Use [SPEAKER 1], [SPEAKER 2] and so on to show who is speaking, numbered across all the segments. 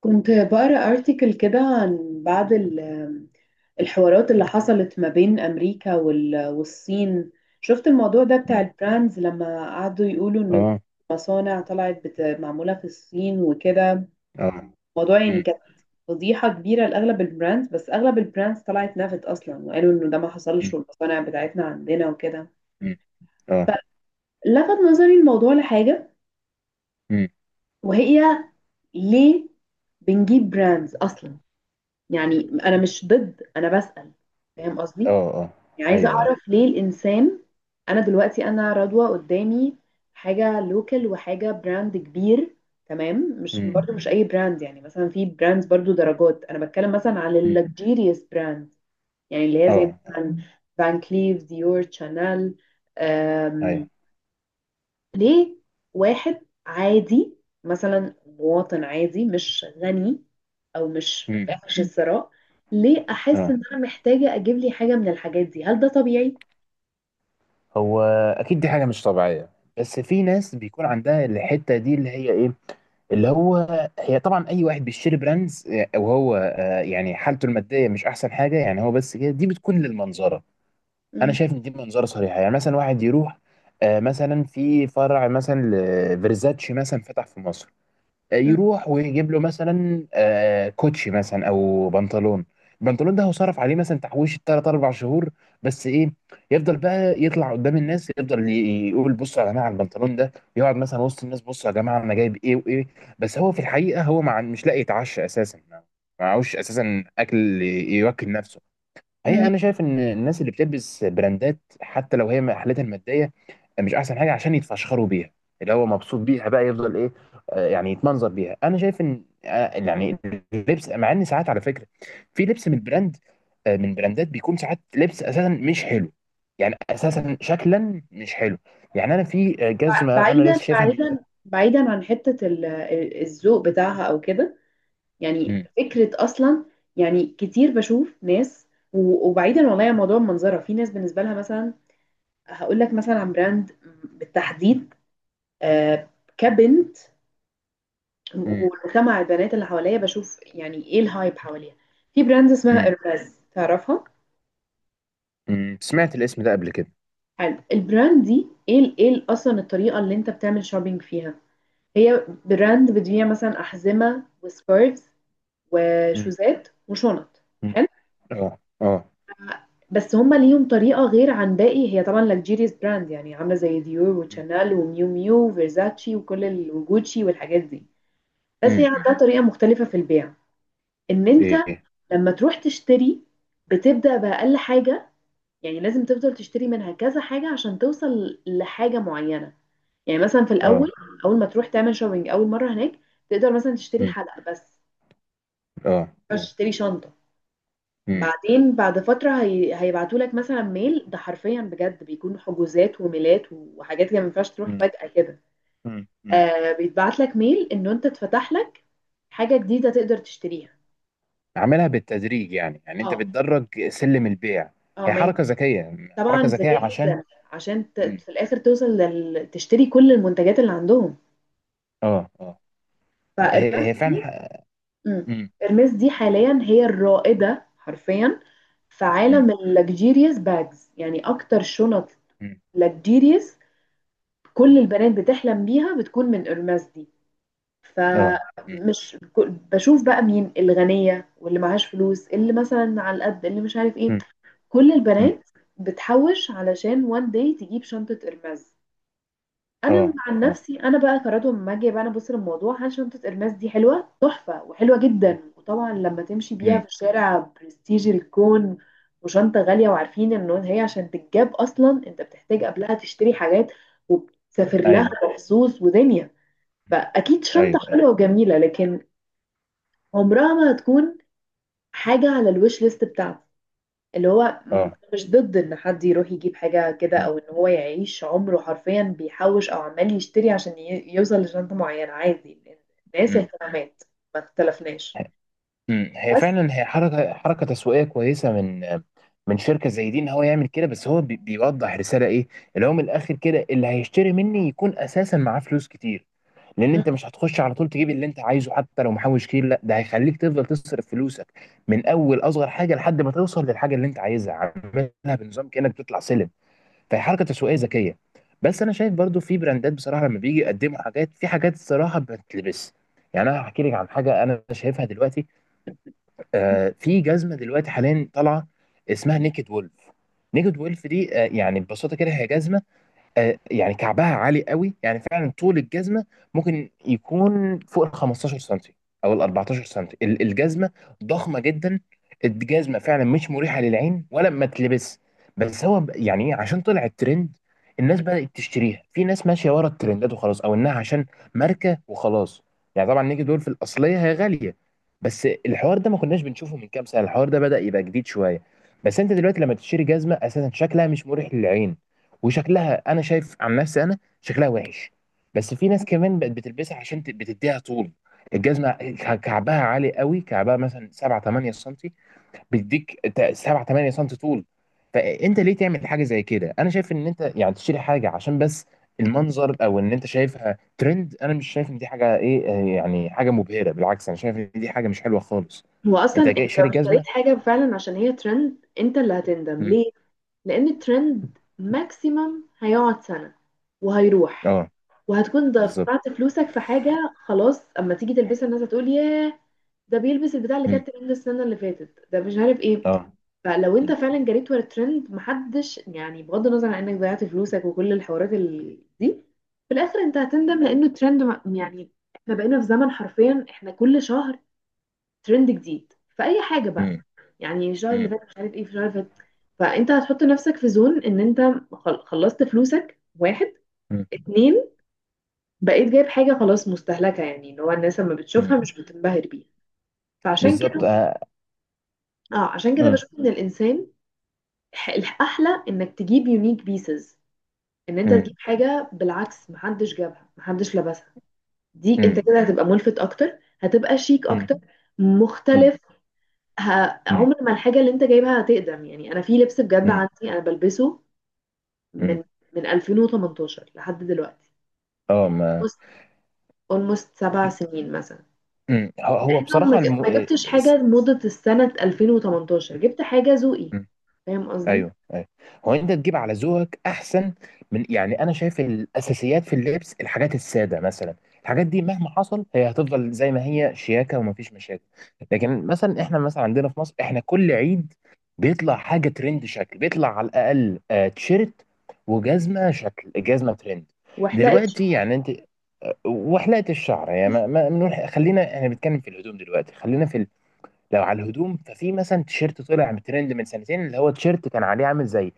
[SPEAKER 1] كنت بقرا ارتكل كده عن بعض الحوارات اللي حصلت ما بين امريكا والصين. شفت الموضوع ده بتاع
[SPEAKER 2] مم.
[SPEAKER 1] البراندز لما قعدوا يقولوا ان
[SPEAKER 2] اه.
[SPEAKER 1] مصانع طلعت معموله في الصين وكده.
[SPEAKER 2] اه.
[SPEAKER 1] الموضوع يعني
[SPEAKER 2] مم.
[SPEAKER 1] كانت فضيحه كبيره لاغلب البراندز، بس اغلب البراندز طلعت نفت اصلا وقالوا انه ده ما
[SPEAKER 2] مم.
[SPEAKER 1] حصلش والمصانع بتاعتنا عندنا وكده.
[SPEAKER 2] مم. اه.
[SPEAKER 1] لفت نظري الموضوع لحاجه،
[SPEAKER 2] مم.
[SPEAKER 1] وهي ليه بنجيب براندز اصلا؟ يعني انا مش ضد، انا بسأل.
[SPEAKER 2] مم.
[SPEAKER 1] فاهم قصدي؟
[SPEAKER 2] اه. اه.
[SPEAKER 1] يعني عايزة
[SPEAKER 2] ايوه.
[SPEAKER 1] اعرف ليه الانسان. انا دلوقتي انا رضوى قدامي حاجة لوكال وحاجة براند كبير. تمام، مش
[SPEAKER 2] مم.
[SPEAKER 1] برضو مش اي براند، يعني مثلا في براندز برضو درجات، انا بتكلم مثلا على
[SPEAKER 2] مم.
[SPEAKER 1] اللكجيريوس براند. يعني اللي هي
[SPEAKER 2] اه.
[SPEAKER 1] زي
[SPEAKER 2] اه.
[SPEAKER 1] مثلا فان كليف، ديور، شانيل.
[SPEAKER 2] ايوه.
[SPEAKER 1] ليه واحد عادي، مثلا مواطن عادي مش غني او مش
[SPEAKER 2] مم.
[SPEAKER 1] في عش الثراء، ليه
[SPEAKER 2] اه.
[SPEAKER 1] احس ان انا محتاجه اجيب لي حاجه من الحاجات دي؟ هل ده طبيعي؟
[SPEAKER 2] هو اكيد دي حاجه مش طبيعيه. بس في ناس بيكون عندها الحته دي اللي هي ايه اللي هو هي طبعا اي واحد بيشتري براندز وهو يعني حالته الماديه مش احسن حاجه، يعني هو بس كده دي بتكون للمنظره. انا
[SPEAKER 1] مم.
[SPEAKER 2] شايف ان دي منظره صريحه. يعني مثلا واحد يروح مثلا في فرع مثلا لفيرزاتشي مثلا فتح في مصر،
[SPEAKER 1] مم.
[SPEAKER 2] يروح ويجيب له مثلا كوتشي مثلا او بنطلون. البنطلون ده هو صرف عليه مثلا تحويش 3 4 شهور. بس ايه؟ يفضل بقى يطلع قدام الناس، يفضل يقول بصوا يا جماعه على البنطلون ده، يقعد مثلا وسط الناس بصوا يا جماعه انا جايب ايه وايه. بس هو في الحقيقه هو مع مش لاقي يتعشى اساسا، ما معهوش اساسا اكل يوكل نفسه. هي
[SPEAKER 1] مم.
[SPEAKER 2] انا شايف ان الناس اللي بتلبس براندات حتى لو هي حالتها الماديه مش احسن حاجه، عشان يتفشخروا بيها، اللي هو مبسوط بيها بقى، يفضل ايه يعني يتمنظر بيها. انا شايف ان يعني اللبس، مع ان ساعات على فكره في لبس من براند من براندات، بيكون ساعات لبس اساسا مش حلو. يعني اساسا شكلا مش حلو. يعني انا في جزمه انا
[SPEAKER 1] بعيدا
[SPEAKER 2] لسه شايفها من قريب.
[SPEAKER 1] بعيدا بعيدا عن حته الذوق بتاعها او كده، يعني
[SPEAKER 2] مم.
[SPEAKER 1] فكره اصلا. يعني كتير بشوف ناس، وبعيدا والله عن موضوع المنظره، في ناس بالنسبه لها مثلا. هقول لك مثلا عن براند بالتحديد، آه، كبنت
[SPEAKER 2] مم.
[SPEAKER 1] ومجتمع البنات اللي حواليا، بشوف يعني ايه الهايب حواليها. في براند اسمها
[SPEAKER 2] مم.
[SPEAKER 1] ارباز، تعرفها؟
[SPEAKER 2] مم. سمعت الاسم ده قبل كده.
[SPEAKER 1] حلو. البراند دي اصلا الطريقه اللي انت بتعمل شوبينج فيها، هي براند بتبيع مثلا احزمه وسكارفز
[SPEAKER 2] مم.
[SPEAKER 1] وشوزات وشنط.
[SPEAKER 2] مم.
[SPEAKER 1] حلو.
[SPEAKER 2] اه. اه.
[SPEAKER 1] بس هما ليهم طريقه غير عن باقي، هي طبعا لكجيريس براند، يعني عامله زي ديور
[SPEAKER 2] مم.
[SPEAKER 1] وشانيل وميو ميو وفيرزاتشي وجوتشي والحاجات دي. بس هي
[SPEAKER 2] مم. مم.
[SPEAKER 1] عندها طريقه مختلفه في البيع، ان انت
[SPEAKER 2] ايه. إيه.
[SPEAKER 1] لما تروح تشتري بتبدأ بأقل حاجة. يعني لازم تفضل تشتري منها كذا حاجة عشان توصل لحاجة معينة. يعني مثلا في
[SPEAKER 2] اه.
[SPEAKER 1] الأول، أول ما تروح تعمل شوبينج أول مرة هناك، تقدر مثلا تشتري
[SPEAKER 2] مم.
[SPEAKER 1] حلقة بس،
[SPEAKER 2] اه.
[SPEAKER 1] مش
[SPEAKER 2] آه.
[SPEAKER 1] تشتري شنطة.
[SPEAKER 2] مم.
[SPEAKER 1] بعدين بعد فترة هيبعتوا لك مثلا ميل. ده حرفيا بجد بيكون حجوزات وميلات وحاجات كده، ما ينفعش تروح
[SPEAKER 2] مم.
[SPEAKER 1] فجأة كده.
[SPEAKER 2] مم. مم.
[SPEAKER 1] بيتبعت لك ميل إنه أنت اتفتح لك حاجة جديدة تقدر تشتريها.
[SPEAKER 2] عاملها بالتدريج، يعني انت
[SPEAKER 1] اه
[SPEAKER 2] بتدرج سلم البيع.
[SPEAKER 1] اه.
[SPEAKER 2] هي
[SPEAKER 1] ما
[SPEAKER 2] حركه ذكيه.
[SPEAKER 1] طبعا
[SPEAKER 2] حركه ذكيه
[SPEAKER 1] ذكية
[SPEAKER 2] عشان...
[SPEAKER 1] جدا. عشان
[SPEAKER 2] مم.
[SPEAKER 1] في الآخر توصل تشتري كل المنتجات اللي عندهم.
[SPEAKER 2] اه. اه. هي
[SPEAKER 1] فإرماس
[SPEAKER 2] فعلا
[SPEAKER 1] دي. مم.
[SPEAKER 2] مم.
[SPEAKER 1] إرماس دي حاليا هي الرائدة حرفيا في
[SPEAKER 2] مم.
[SPEAKER 1] عالم اللكجيريوس باجز، يعني أكتر شنط
[SPEAKER 2] مم.
[SPEAKER 1] لكجيريوس. كل
[SPEAKER 2] مم.
[SPEAKER 1] البنات بتحلم بيها بتكون من إرماس دي.
[SPEAKER 2] اه. مم.
[SPEAKER 1] فمش ك- بشوف بقى مين الغنية واللي معهاش فلوس، اللي مثلا على القد، اللي مش عارف ايه.
[SPEAKER 2] مم.
[SPEAKER 1] كل
[SPEAKER 2] مم.
[SPEAKER 1] البنات بتحوش علشان وان داي تجيب شنطة إرماس. انا
[SPEAKER 2] اه.
[SPEAKER 1] عن
[SPEAKER 2] اه.
[SPEAKER 1] نفسي انا بقى قررت لما اجي بقى انا ابص للموضوع عن شنطه الماس دي، حلوه تحفه وحلوه جدا. وطبعا لما تمشي بيها
[SPEAKER 2] مم.
[SPEAKER 1] في الشارع برستيج الكون، وشنطه غاليه، وعارفين ان هي عشان تتجاب اصلا انت بتحتاج قبلها تشتري حاجات وبتسافر لها
[SPEAKER 2] ايوه.
[SPEAKER 1] مخصوص ودنيا.
[SPEAKER 2] مم.
[SPEAKER 1] فاكيد شنطه
[SPEAKER 2] ايوه.
[SPEAKER 1] حلوه
[SPEAKER 2] ايوه.
[SPEAKER 1] وجميله، لكن عمرها ما هتكون حاجه على الويش ليست بتاعتي. اللي هو
[SPEAKER 2] اه.
[SPEAKER 1] مش ضد ان حد يروح يجيب حاجة كده،
[SPEAKER 2] مم.
[SPEAKER 1] او ان هو يعيش عمره حرفيا بيحوش او عمال يشتري عشان يوصل لشنطة معينة. عادي. الناس
[SPEAKER 2] مم.
[SPEAKER 1] اهتمامات، ما اختلفناش.
[SPEAKER 2] مم. هي
[SPEAKER 1] بس.
[SPEAKER 2] فعلا هي حركه تسويقيه كويسه، من شركه زي دي، ان هو يعمل كده. بس هو بيوضح رساله ايه؟ اللي هو من الاخر كده، اللي هيشتري مني يكون اساسا معاه فلوس كتير، لان
[SPEAKER 1] مم.
[SPEAKER 2] انت مش هتخش على طول تجيب اللي انت عايزه حتى لو محوش كتير، لا، ده هيخليك تفضل تصرف فلوسك من اول اصغر حاجه لحد ما توصل للحاجه اللي انت عايزها. عاملها بنظام كانك بتطلع سلم. فهي حركه تسويقيه ذكيه. بس انا شايف برضو في براندات بصراحه لما بيجي يقدموا حاجات في حاجات، الصراحه بتلبس. يعني انا هحكي لك عن حاجه انا شايفها دلوقتي. في جزمه دلوقتي حاليا طالعه اسمها نيكد وولف. نيكد وولف دي يعني ببساطه كده هي جزمه. يعني كعبها عالي قوي، يعني فعلا طول الجزمه ممكن يكون فوق ال 15 سنتي او ال 14 سنتي. الجزمه ضخمه جدا. الجزمه فعلا مش مريحه للعين ولا ما تلبس. بس هو يعني إيه، عشان طلع الترند، الناس بدات تشتريها. في ناس ماشيه ورا الترندات وخلاص، او انها عشان ماركه وخلاص. يعني طبعا نيجي دول في الاصليه هي غاليه. بس الحوار ده ما كناش بنشوفه من كام سنه، الحوار ده بدا يبقى جديد شويه. بس انت دلوقتي لما تشتري جزمه اساسا شكلها مش مريح للعين، وشكلها انا شايف عن نفسي انا شكلها وحش. بس في ناس كمان بقت بتلبسها عشان بتديها طول. الجزمه كعبها عالي قوي، كعبها مثلا 7 8 سم، بيديك 7 8 سم طول. فانت ليه تعمل حاجه زي كده؟ انا شايف ان انت يعني تشتري حاجه عشان بس المنظر، او ان انت شايفها ترند. انا مش شايف ان دي حاجه ايه، يعني حاجه مبهره، بالعكس انا شايف ان دي حاجه مش حلوه خالص.
[SPEAKER 1] هو اصلا
[SPEAKER 2] انت جاي
[SPEAKER 1] انت
[SPEAKER 2] شاري
[SPEAKER 1] لو اشتريت
[SPEAKER 2] جزمه.
[SPEAKER 1] حاجه فعلا عشان هي ترند، انت اللي هتندم.
[SPEAKER 2] مم.
[SPEAKER 1] ليه؟ لان الترند ماكسيمم هيقعد سنه وهيروح،
[SPEAKER 2] اه.
[SPEAKER 1] وهتكون
[SPEAKER 2] بالظبط.
[SPEAKER 1] دفعت فلوسك في حاجه. خلاص اما تيجي تلبسها الناس هتقول ياه، ده بيلبس البتاع اللي
[SPEAKER 2] مم.
[SPEAKER 1] كانت ترند السنه اللي فاتت، ده مش عارف ايه.
[SPEAKER 2] اه.
[SPEAKER 1] فلو انت
[SPEAKER 2] مم.
[SPEAKER 1] فعلا جريت ورا الترند، محدش يعني، بغض النظر عن انك ضيعت فلوسك وكل الحوارات دي، في الاخر انت هتندم، لانه الترند يعني احنا بقينا في زمن حرفيا احنا كل شهر ترند جديد في اي حاجه بقى.
[SPEAKER 2] مم.
[SPEAKER 1] يعني الشهر اللي فات مش عارف ايه في الشهر اللي فات. فانت هتحط نفسك في زون ان انت خلصت فلوسك. واحد،
[SPEAKER 2] مم.
[SPEAKER 1] اتنين، بقيت جايب حاجه خلاص مستهلكه، يعني اللي هو الناس لما
[SPEAKER 2] مم.
[SPEAKER 1] بتشوفها مش بتنبهر بيها. فعشان
[SPEAKER 2] بالظبط.
[SPEAKER 1] كده
[SPEAKER 2] آه.
[SPEAKER 1] اه عشان كده
[SPEAKER 2] مم.
[SPEAKER 1] بشوف ان الانسان، الاحلى انك تجيب يونيك بيسز، ان انت
[SPEAKER 2] مم.
[SPEAKER 1] تجيب حاجه بالعكس محدش جابها محدش لبسها. دي
[SPEAKER 2] مم.
[SPEAKER 1] انت كده هتبقى ملفت اكتر، هتبقى شيك
[SPEAKER 2] مم.
[SPEAKER 1] اكتر،
[SPEAKER 2] مم.
[SPEAKER 1] مختلف. ه...
[SPEAKER 2] مم.
[SPEAKER 1] عمر ما الحاجه اللي انت جايبها هتقدم. يعني انا في لبس بجد
[SPEAKER 2] مم.
[SPEAKER 1] عندي انا بلبسه
[SPEAKER 2] مم.
[SPEAKER 1] من من 2018 لحد دلوقتي،
[SPEAKER 2] اه.
[SPEAKER 1] يعني
[SPEAKER 2] ما.
[SPEAKER 1] اولموست 7 سنين مثلا،
[SPEAKER 2] مم. هو
[SPEAKER 1] لانه
[SPEAKER 2] بصراحة
[SPEAKER 1] ما جبتش حاجه موضه السنه 2018، جبت حاجه ذوقي.
[SPEAKER 2] مم.
[SPEAKER 1] فاهم قصدي؟
[SPEAKER 2] ايوه. ايوه. هو انت تجيب على ذوقك احسن، من يعني انا شايف الاساسيات في اللبس، الحاجات السادة مثلا، الحاجات دي مهما حصل هي هتفضل زي ما هي شياكة، ومفيش مشاكل. لكن مثلا احنا مثلا عندنا في مصر احنا كل عيد بيطلع حاجة ترند، شكل بيطلع على الاقل تيشيرت وجزمة، شكل جزمة ترند.
[SPEAKER 1] وحلقت
[SPEAKER 2] دلوقتي
[SPEAKER 1] شعر.
[SPEAKER 2] يعني انت... وحلقه الشعر يعني ما ما خلينا احنا بنتكلم في الهدوم دلوقتي. خلينا في... لو على الهدوم ففي مثلا تيشيرت طلع ترند من سنتين، اللي هو تيشيرت كان عليه عامل زي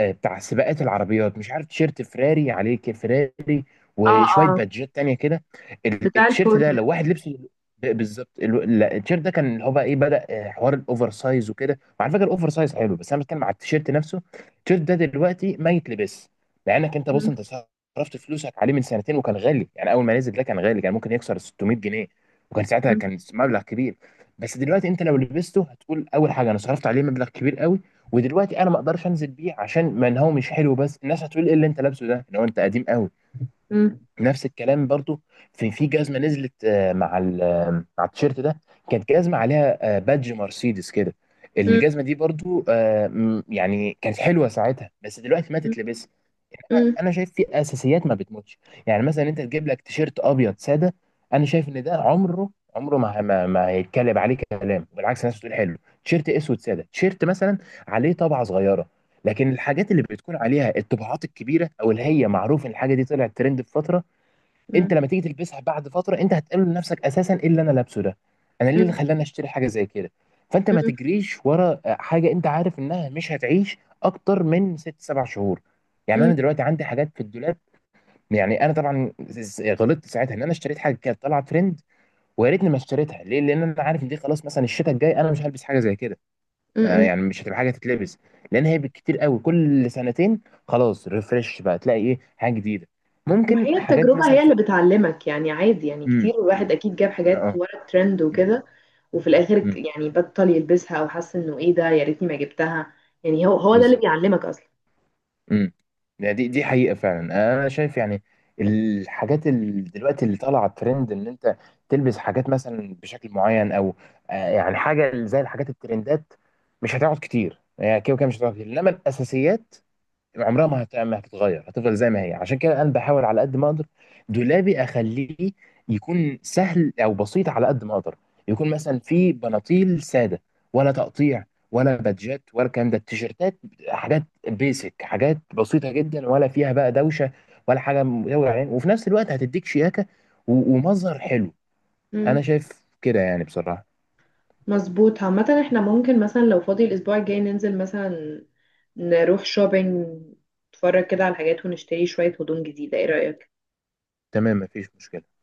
[SPEAKER 2] بتاع سباقات العربيات، مش عارف، تيشيرت فراري عليه فراري
[SPEAKER 1] اه
[SPEAKER 2] وشويه
[SPEAKER 1] اه.
[SPEAKER 2] بادجات تانية كده.
[SPEAKER 1] بتاع
[SPEAKER 2] التيشيرت ده
[SPEAKER 1] الفورمولا.
[SPEAKER 2] لو واحد لبسه بالظبط لا، التيشيرت ده كان اللي هو بقى ايه، بدأ حوار الاوفر سايز وكده، وعلى فكره الاوفر سايز حلو، بس انا بتكلم على التيشيرت نفسه. التيشيرت ده دلوقتي ما يتلبس، لانك انت بص،
[SPEAKER 1] مم،
[SPEAKER 2] انت صرفت فلوسك عليه من سنتين وكان غالي، يعني اول ما نزل ده كان غالي، كان ممكن يكسر 600 جنيه، وكان ساعتها
[SPEAKER 1] مم،
[SPEAKER 2] كان مبلغ كبير. بس دلوقتي انت لو لبسته هتقول اول حاجه انا صرفت عليه مبلغ كبير قوي، ودلوقتي انا ما اقدرش انزل بيه، عشان ما إن هو مش حلو، بس الناس هتقول ايه اللي انت لابسه ده، ان هو انت قديم قوي.
[SPEAKER 1] مم،
[SPEAKER 2] نفس الكلام برضو. في جزمه نزلت آه، مع ال- آه، مع التيشيرت ده، كانت جزمه عليها بادج مرسيدس كده.
[SPEAKER 1] مم،
[SPEAKER 2] الجزمه دي برضو يعني كانت حلوه ساعتها، بس دلوقتي ما
[SPEAKER 1] مم،
[SPEAKER 2] تتلبس. انا
[SPEAKER 1] مم،
[SPEAKER 2] شايف في اساسيات ما بتموتش، يعني مثلا انت تجيب لك تيشيرت ابيض ساده، انا شايف ان ده عمره ما هيتكلم عليه كلام، بالعكس الناس بتقول حلو. تيشيرت اسود ساده، تيشيرت مثلا عليه طبعه صغيره. لكن الحاجات اللي بتكون عليها الطباعات الكبيره، او اللي هي معروف ان الحاجه دي طلعت ترند في فتره،
[SPEAKER 1] مم،
[SPEAKER 2] انت لما تيجي تلبسها بعد فتره انت هتقول لنفسك اساسا ايه اللي انا لابسه ده؟ انا ليه اللي
[SPEAKER 1] مم،
[SPEAKER 2] خلاني اشتري حاجه زي كده؟ فانت ما تجريش ورا حاجه انت عارف انها مش هتعيش اكتر من ست سبع شهور. يعني
[SPEAKER 1] مم،
[SPEAKER 2] انا دلوقتي عندي حاجات في الدولاب، يعني انا طبعا غلطت ساعتها ان انا اشتريت حاجه كانت طالعه ترند، ويا ريتني ما اشتريتها. ليه؟ لان انا عارف ان دي خلاص، مثلا الشتاء الجاي انا مش هلبس حاجه زي كده،
[SPEAKER 1] مم.
[SPEAKER 2] يعني مش هتبقى حاجه تتلبس. لان هي بالكتير قوي كل سنتين خلاص، ريفرش بقى تلاقي ايه حاجه جديده،
[SPEAKER 1] ما هي
[SPEAKER 2] ممكن حاجات
[SPEAKER 1] التجربة
[SPEAKER 2] مثلا
[SPEAKER 1] هي
[SPEAKER 2] في...
[SPEAKER 1] اللي بتعلمك. يعني عادي، يعني كتير
[SPEAKER 2] امم.
[SPEAKER 1] الواحد
[SPEAKER 2] امم.
[SPEAKER 1] أكيد جاب حاجات
[SPEAKER 2] اه.
[SPEAKER 1] ورا الترند
[SPEAKER 2] امم.
[SPEAKER 1] وكده، وفي الآخر
[SPEAKER 2] امم.
[SPEAKER 1] يعني بطل يلبسها أو حس إنه إيه ده، يا ريتني ما جبتها. يعني هو هو ده اللي
[SPEAKER 2] بالظبط.
[SPEAKER 1] بيعلمك أصلا.
[SPEAKER 2] امم. يعني دي حقيقة فعلا. انا شايف يعني الحاجات اللي دلوقتي اللي طالعة ترند، ان انت تلبس حاجات مثلا بشكل معين، او يعني حاجة زي الحاجات الترندات، مش هتقعد كتير، يعني كده وكده مش هتقعد كتير، انما الاساسيات عمرها ما هتتغير، هتفضل زي ما هي. عشان كده انا بحاول على قد ما اقدر دولابي اخليه يكون سهل او بسيط، على قد ما اقدر يكون مثلا فيه بناطيل ساده، ولا تقطيع ولا بادجات ولا الكلام ده، التيشيرتات حاجات بيسك، حاجات بسيطه جدا، ولا فيها بقى دوشه ولا حاجه مدوره عين، وفي نفس الوقت هتديك شياكه ومظهر حلو. انا
[SPEAKER 1] مم.
[SPEAKER 2] شايف كده يعني بصراحه.
[SPEAKER 1] مظبوط. عامة احنا ممكن مثلا لو فاضي الأسبوع الجاي ننزل مثلا، نروح شوبينج، نتفرج كده على الحاجات ونشتري شوية هدوم جديدة. ايه رأيك؟
[SPEAKER 2] تمام مفيش مشكله.